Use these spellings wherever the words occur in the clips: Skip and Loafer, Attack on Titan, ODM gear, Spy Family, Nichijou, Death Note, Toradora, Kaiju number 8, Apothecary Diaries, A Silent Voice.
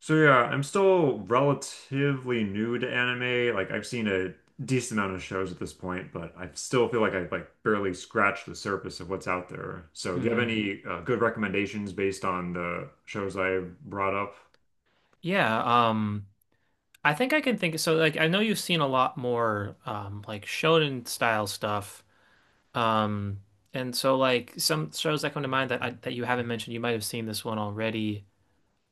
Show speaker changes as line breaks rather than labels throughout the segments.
So yeah, I'm still relatively new to anime. Like, I've seen a decent amount of shows at this point, but I still feel like I've like barely scratched the surface of what's out there. So do you have
hmm
any good recommendations based on the shows I brought up?
Yeah, um I think I can think so like I know you've seen a lot more like shonen style stuff. Um and like some shows that come to mind that you haven't mentioned, you might have seen this one already.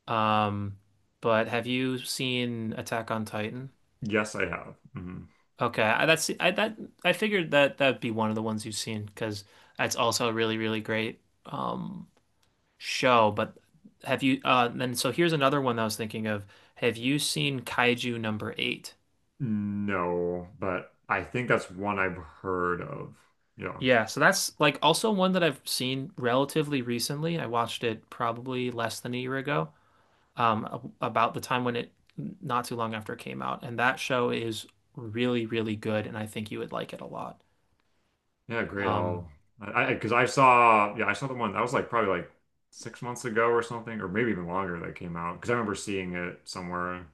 Um but have you seen Attack on Titan?
Yes, I have. Mhm.
Okay. I figured that'd be one of the ones you've seen because that's also a really great um show. But have you then so here's another one I was thinking of. Have you seen Kaiju number 8?
No, but I think that's one I've heard of. Yeah.
Yeah, so that's like also one that I've seen relatively recently. I watched it probably less than a year ago, um, about the time not too long after it came out. And that show is really, really good, and I think you would like it a lot.
Yeah, great.
Um,
I because I saw, yeah, I saw the one that was like probably like 6 months ago or something, or maybe even longer that came out because I remember seeing it somewhere.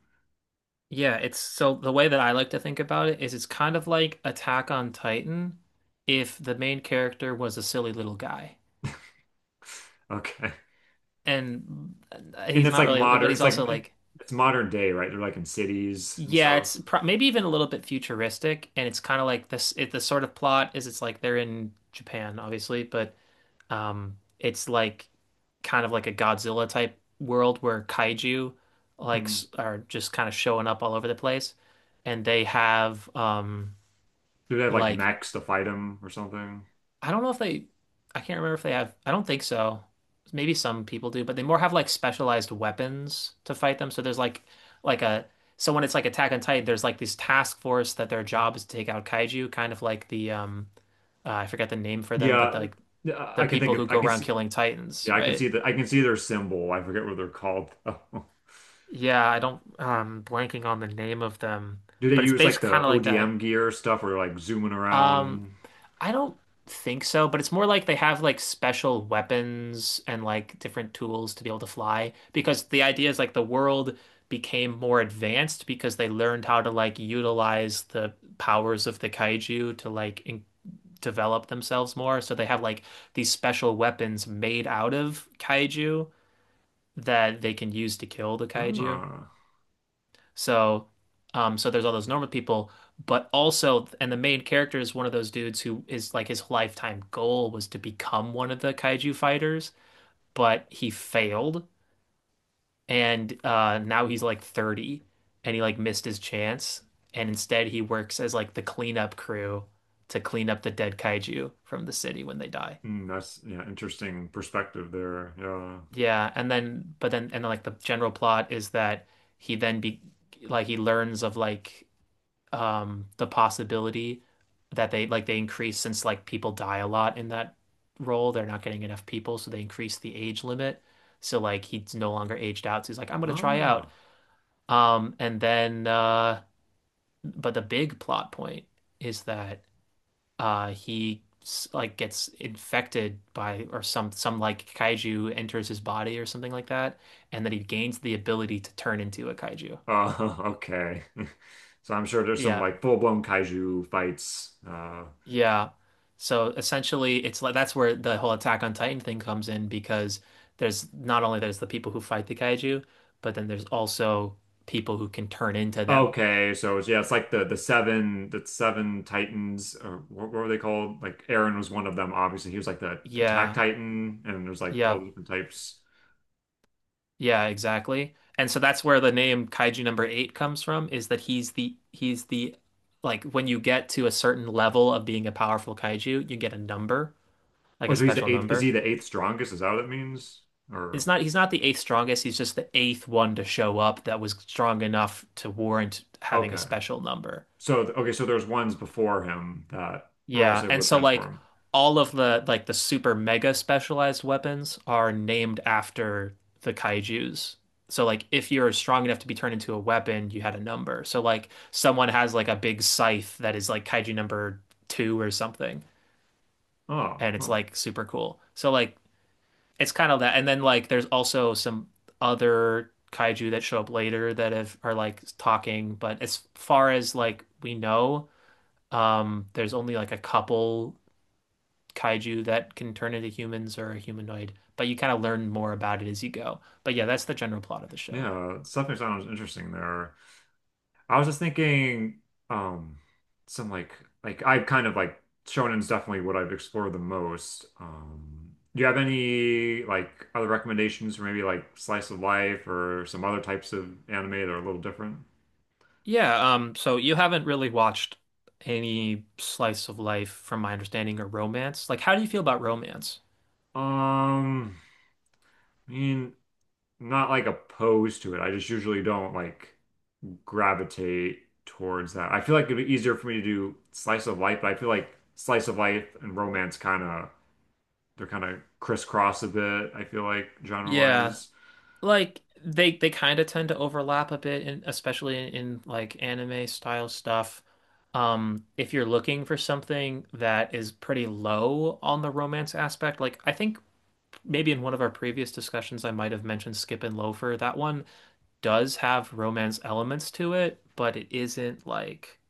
yeah, it's, so the way that I like to think about it is it's kind of like Attack on Titan if the main character was a silly little guy.
Okay.
And
And
he's
it's
not
like
really, but
modern,
he's
it's like
also like,
it's modern day, right? They're like in cities and
yeah,
stuff.
it's pro maybe even a little bit futuristic, and it's kind of like this. The sort of plot is it's like they're in Japan, obviously, but it's like kind of like a Godzilla type world where kaiju
hmm
are just kind of showing up all over the place, and they have
Do they have like
like
mechs to fight them or something?
I don't know if I can't remember if they have, I don't think so. Maybe some people do, but they more have like specialized weapons to fight them. So there's like a, so when it's like Attack on Titan, there's like this task force that their job is to take out kaiju, kind of like I forget the name for them, but
Yeah,
like
yeah,
the people who
I
go
can
around
see,
killing titans,
yeah,
right?
I can see their symbol. I forget what they're called though.
Yeah, I don't, blanking on the name of them,
Do they
but it's
use like
basically kind
the
of like that.
ODM gear stuff or like zooming
Um,
around?
I don't think so, but it's more like they have like special weapons and like different tools to be able to fly because the idea is like the world became more advanced because they learned how to like utilize the powers of the kaiju to like in develop themselves more. So they have like these special weapons made out of kaiju that they can use to kill the kaiju.
Ah.
So, so there's all those normal people, but also, and the main character is one of those dudes who is like his lifetime goal was to become one of the kaiju fighters, but he failed, and now he's like 30, and he like missed his chance, and instead he works as like the cleanup crew to clean up the dead kaiju from the city when they die.
Mm, that's, yeah, interesting perspective there. Yeah.
Yeah, and then like the general plot is that he then be like he learns of like the possibility that they increase, since like people die a lot in that role, they're not getting enough people, so they increase the age limit, so like he's no longer aged out, so he's like, I'm gonna try out.
Ah,
Um and then uh but the big plot point is that he like gets infected by or some like kaiju enters his body or something like that, and that he gains the ability to turn into a kaiju.
okay. So I'm sure there's some
yeah
like full-blown kaiju fights.
Yeah. So essentially it's like that's where the whole Attack on Titan thing comes in because there's not only there's the people who fight the kaiju, but then there's also people who can turn into them.
Okay, so it's, yeah, it's like the seven Titans, or what were they called? Like Aaron was one of them, obviously. He was like the attack
Yeah.
Titan, and there's like all
Yeah.
the different types.
Yeah, exactly. And so that's where the name Kaiju number 8 comes from, is that he's the, like, when you get to a certain level of being a powerful kaiju, you get a number, like
Oh,
a
so he's the
special
eighth. Is he
number.
the eighth strongest? Is that what it means?
It's
Or
not, he's not the eighth strongest, he's just the eighth one to show up that was strong enough to warrant having a
okay,
special number.
so okay, so there's ones before him that were
Yeah,
also able
and
to
so like
transform.
all of the super mega specialized weapons are named after the kaijus. So like if you're strong enough to be turned into a weapon, you had a number. So like someone has like a big scythe that is like kaiju number two or something,
Oh,
and it's
huh.
like super cool. So like it's kind of that. And then like there's also some other kaiju that show up later that have are like talking, but as far as like we know, there's only like a couple kaiju that can turn into humans or a humanoid, but you kind of learn more about it as you go. But yeah, that's the general plot of the show.
Yeah, it's definitely sounds interesting there. I was just thinking, um, some like I've kind of like shonen's definitely what I've explored the most. Do you have any like other recommendations for maybe like slice of life or some other types of anime that are a little different?
Yeah, so you haven't really watched any slice of life from my understanding, or romance. Like, how do you feel about romance?
Um, I mean, I'm not like opposed to it. I just usually don't like gravitate towards that. I feel like it'd be easier for me to do slice of life, but I feel like slice of life and romance kind of they're kind of crisscross a bit. I feel like genre
Yeah,
wise,
like they kind of tend to overlap a bit especially in like anime style stuff. If you're looking for something that is pretty low on the romance aspect, like I think maybe in one of our previous discussions I might have mentioned Skip and Loafer. That one does have romance elements to it, but it isn't like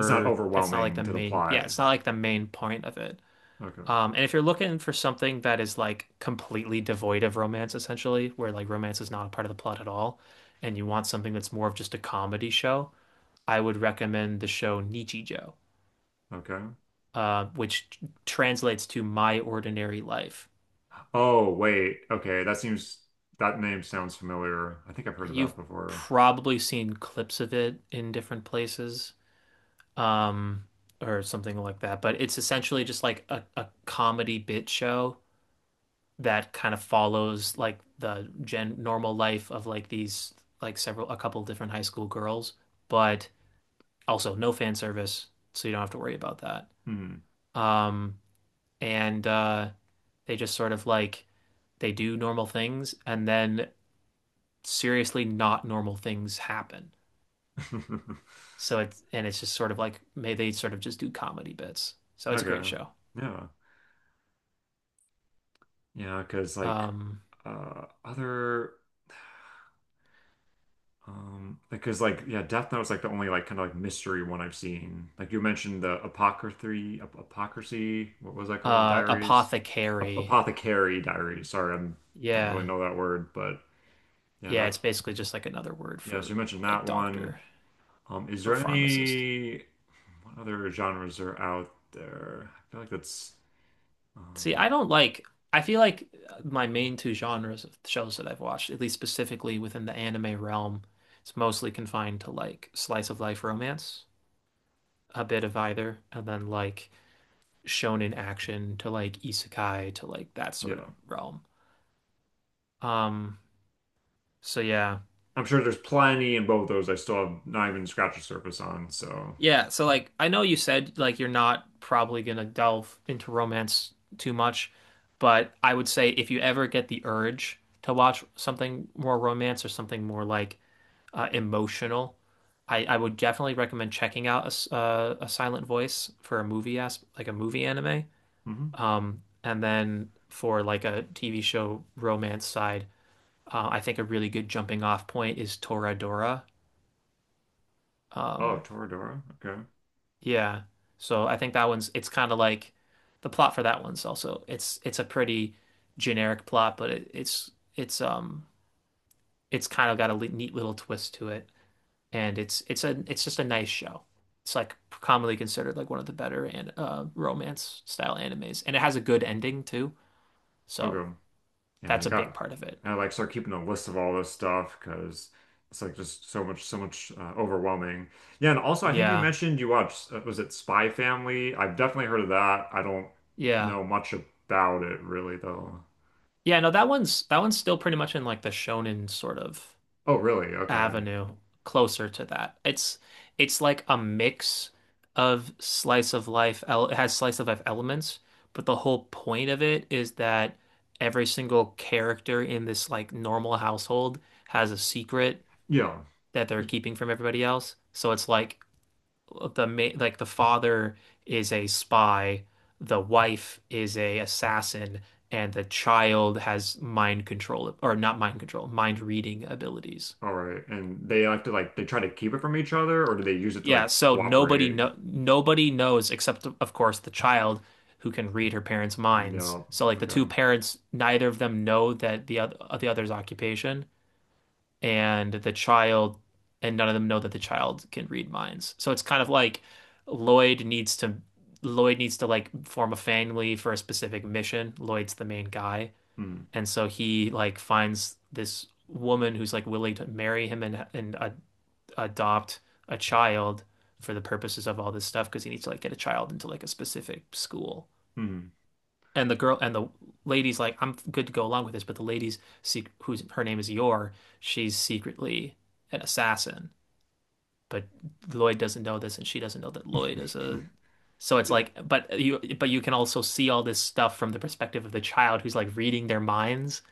it's not
it's not like
overwhelming to the
yeah,
plot.
it's not like the main point of it.
Okay,
And if you're looking for something that is like completely devoid of romance, essentially, where like romance is not a part of the plot at all, and you want something that's more of just a comedy show, I would recommend the show Nichijou,
okay.
which translates to My Ordinary Life.
Oh wait, okay. That seems that name sounds familiar. I think I've heard of
You've
that before.
probably seen clips of it in different places, um, or something like that, but it's essentially just like a comedy bit show that kind of follows like the gen normal life of like these, like several a couple different high school girls, but also no fan service, so you don't have to worry about that.
Hmm.
Um, and they just sort of like, they do normal things, and then seriously not normal things happen. It's just sort of like, may, they sort of just do comedy bits. So it's a great
Okay.
show.
Yeah. Yeah, because like
Um,
other because like, yeah, Death Note was like the only like kind of like mystery one I've seen. Like you mentioned the Apocryphy, Ap Apocrisy, what was that called? Diaries, Ap
apothecary.
Apothecary Diaries. Sorry, I don't really
Yeah.
know that word, but yeah,
Yeah,
that
it's basically just like another word
yeah. So
for
you mentioned
like
that one.
doctor
Is
or
there
pharmacist.
any what other genres are out there? I feel like that's
See,
um,
I don't like, I feel like my main two genres of shows that I've watched, at least specifically within the anime realm, it's mostly confined to like slice of life romance, a bit of either, and then like shonen action to like isekai to like that sort of
yeah.
realm. Um, so yeah.
I'm sure there's plenty in both those. I still have not even scratched the surface on. So
Yeah, so like I know you said like you're not probably gonna delve into romance too much, but I would say if you ever get the urge to watch something more romance or something more like emotional, I would definitely recommend checking out a Silent Voice for a movie, as like a movie anime,
hmm.
and then for like a TV show romance side, I think a really good jumping off point is Toradora.
Oh,
Um,
Toradora. Okay,
Yeah. So I think that one's it's kind of like the plot for that one's also, it's a pretty generic plot, but it, it's um it's kind of got a neat little twist to it, and it's just a nice show. It's like commonly considered like one of the better and romance style animes, and it has a good ending too. So
okay. And I
that's a big
got,
part of it.
and I like start keeping a list of all this stuff because it's like just so much, so much overwhelming. Yeah, and also I think you
Yeah,
mentioned you watched, was it Spy Family? I've definitely heard of that. I don't
yeah,
know much about it really though.
yeah. No, that one's, that one's still pretty much in like the shonen sort of
Oh, really? Okay.
avenue, closer to that. It's like a mix of slice of life. It has slice of life elements, but the whole point of it is that every single character in this like normal household has a secret
Yeah.
that they're
'Cause-
keeping from everybody else. So it's like like the father is a spy, the wife is a assassin, and the child has mind control, or not mind control, mind reading abilities.
All right. And they have to like, they try to keep it from each other, or do they use it to
Yeah,
like
so nobody
cooperate?
no nobody knows except of course the child who can read her parents' minds.
No.
So like the
Okay.
two parents, neither of them know that the other's occupation, and the child, and none of them know that the child can read minds. So it's kind of like Lloyd needs to Lloyd needs to like form a family for a specific mission. Lloyd's the main guy.
Mm.
And so he like finds this woman who's like willing to marry him, and adopt a child for the purposes of all this stuff because he needs to like get a child into like a specific school.
Mm.
And the girl and the lady's like, I'm good to go along with this, but the lady's sec who's, her name is Yor, she's secretly an assassin, but Lloyd doesn't know this, and she doesn't know that Lloyd is a. So it's like, but you can also see all this stuff from the perspective of the child who's like reading their minds.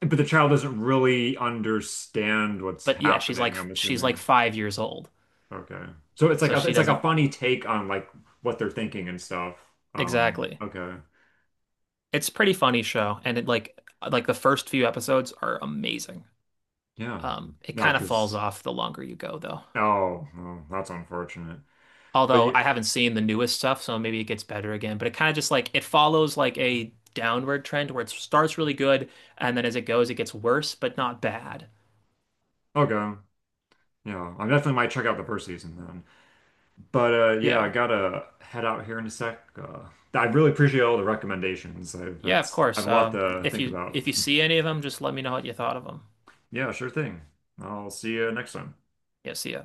But the child doesn't really understand what's
But yeah, she's like,
happening, I'm
she's like
assuming.
5 years old,
Okay. So
so she
it's like a
doesn't,
funny take on like what they're thinking and stuff.
exactly.
Okay.
It's a pretty funny show, and it like the first few episodes are amazing.
Yeah.
It
Yeah,
kind of falls
because
off the longer you go, though.
oh, well, that's unfortunate. But
Although
yeah,
I haven't seen the newest stuff, so maybe it gets better again. But it kind of just like, it follows like a downward trend where it starts really good, and then as it goes, it gets worse, but not bad.
okay. Yeah, I definitely might check out the first season then. But yeah, I
Yeah,
gotta head out here in a sec. I really appreciate all the recommendations. I,
yeah, of
that's I
course.
have a lot to
If
think
you,
about.
if you see any of them, just let me know what you thought of them.
Yeah, sure thing. I'll see you next time.
Yeah, see ya.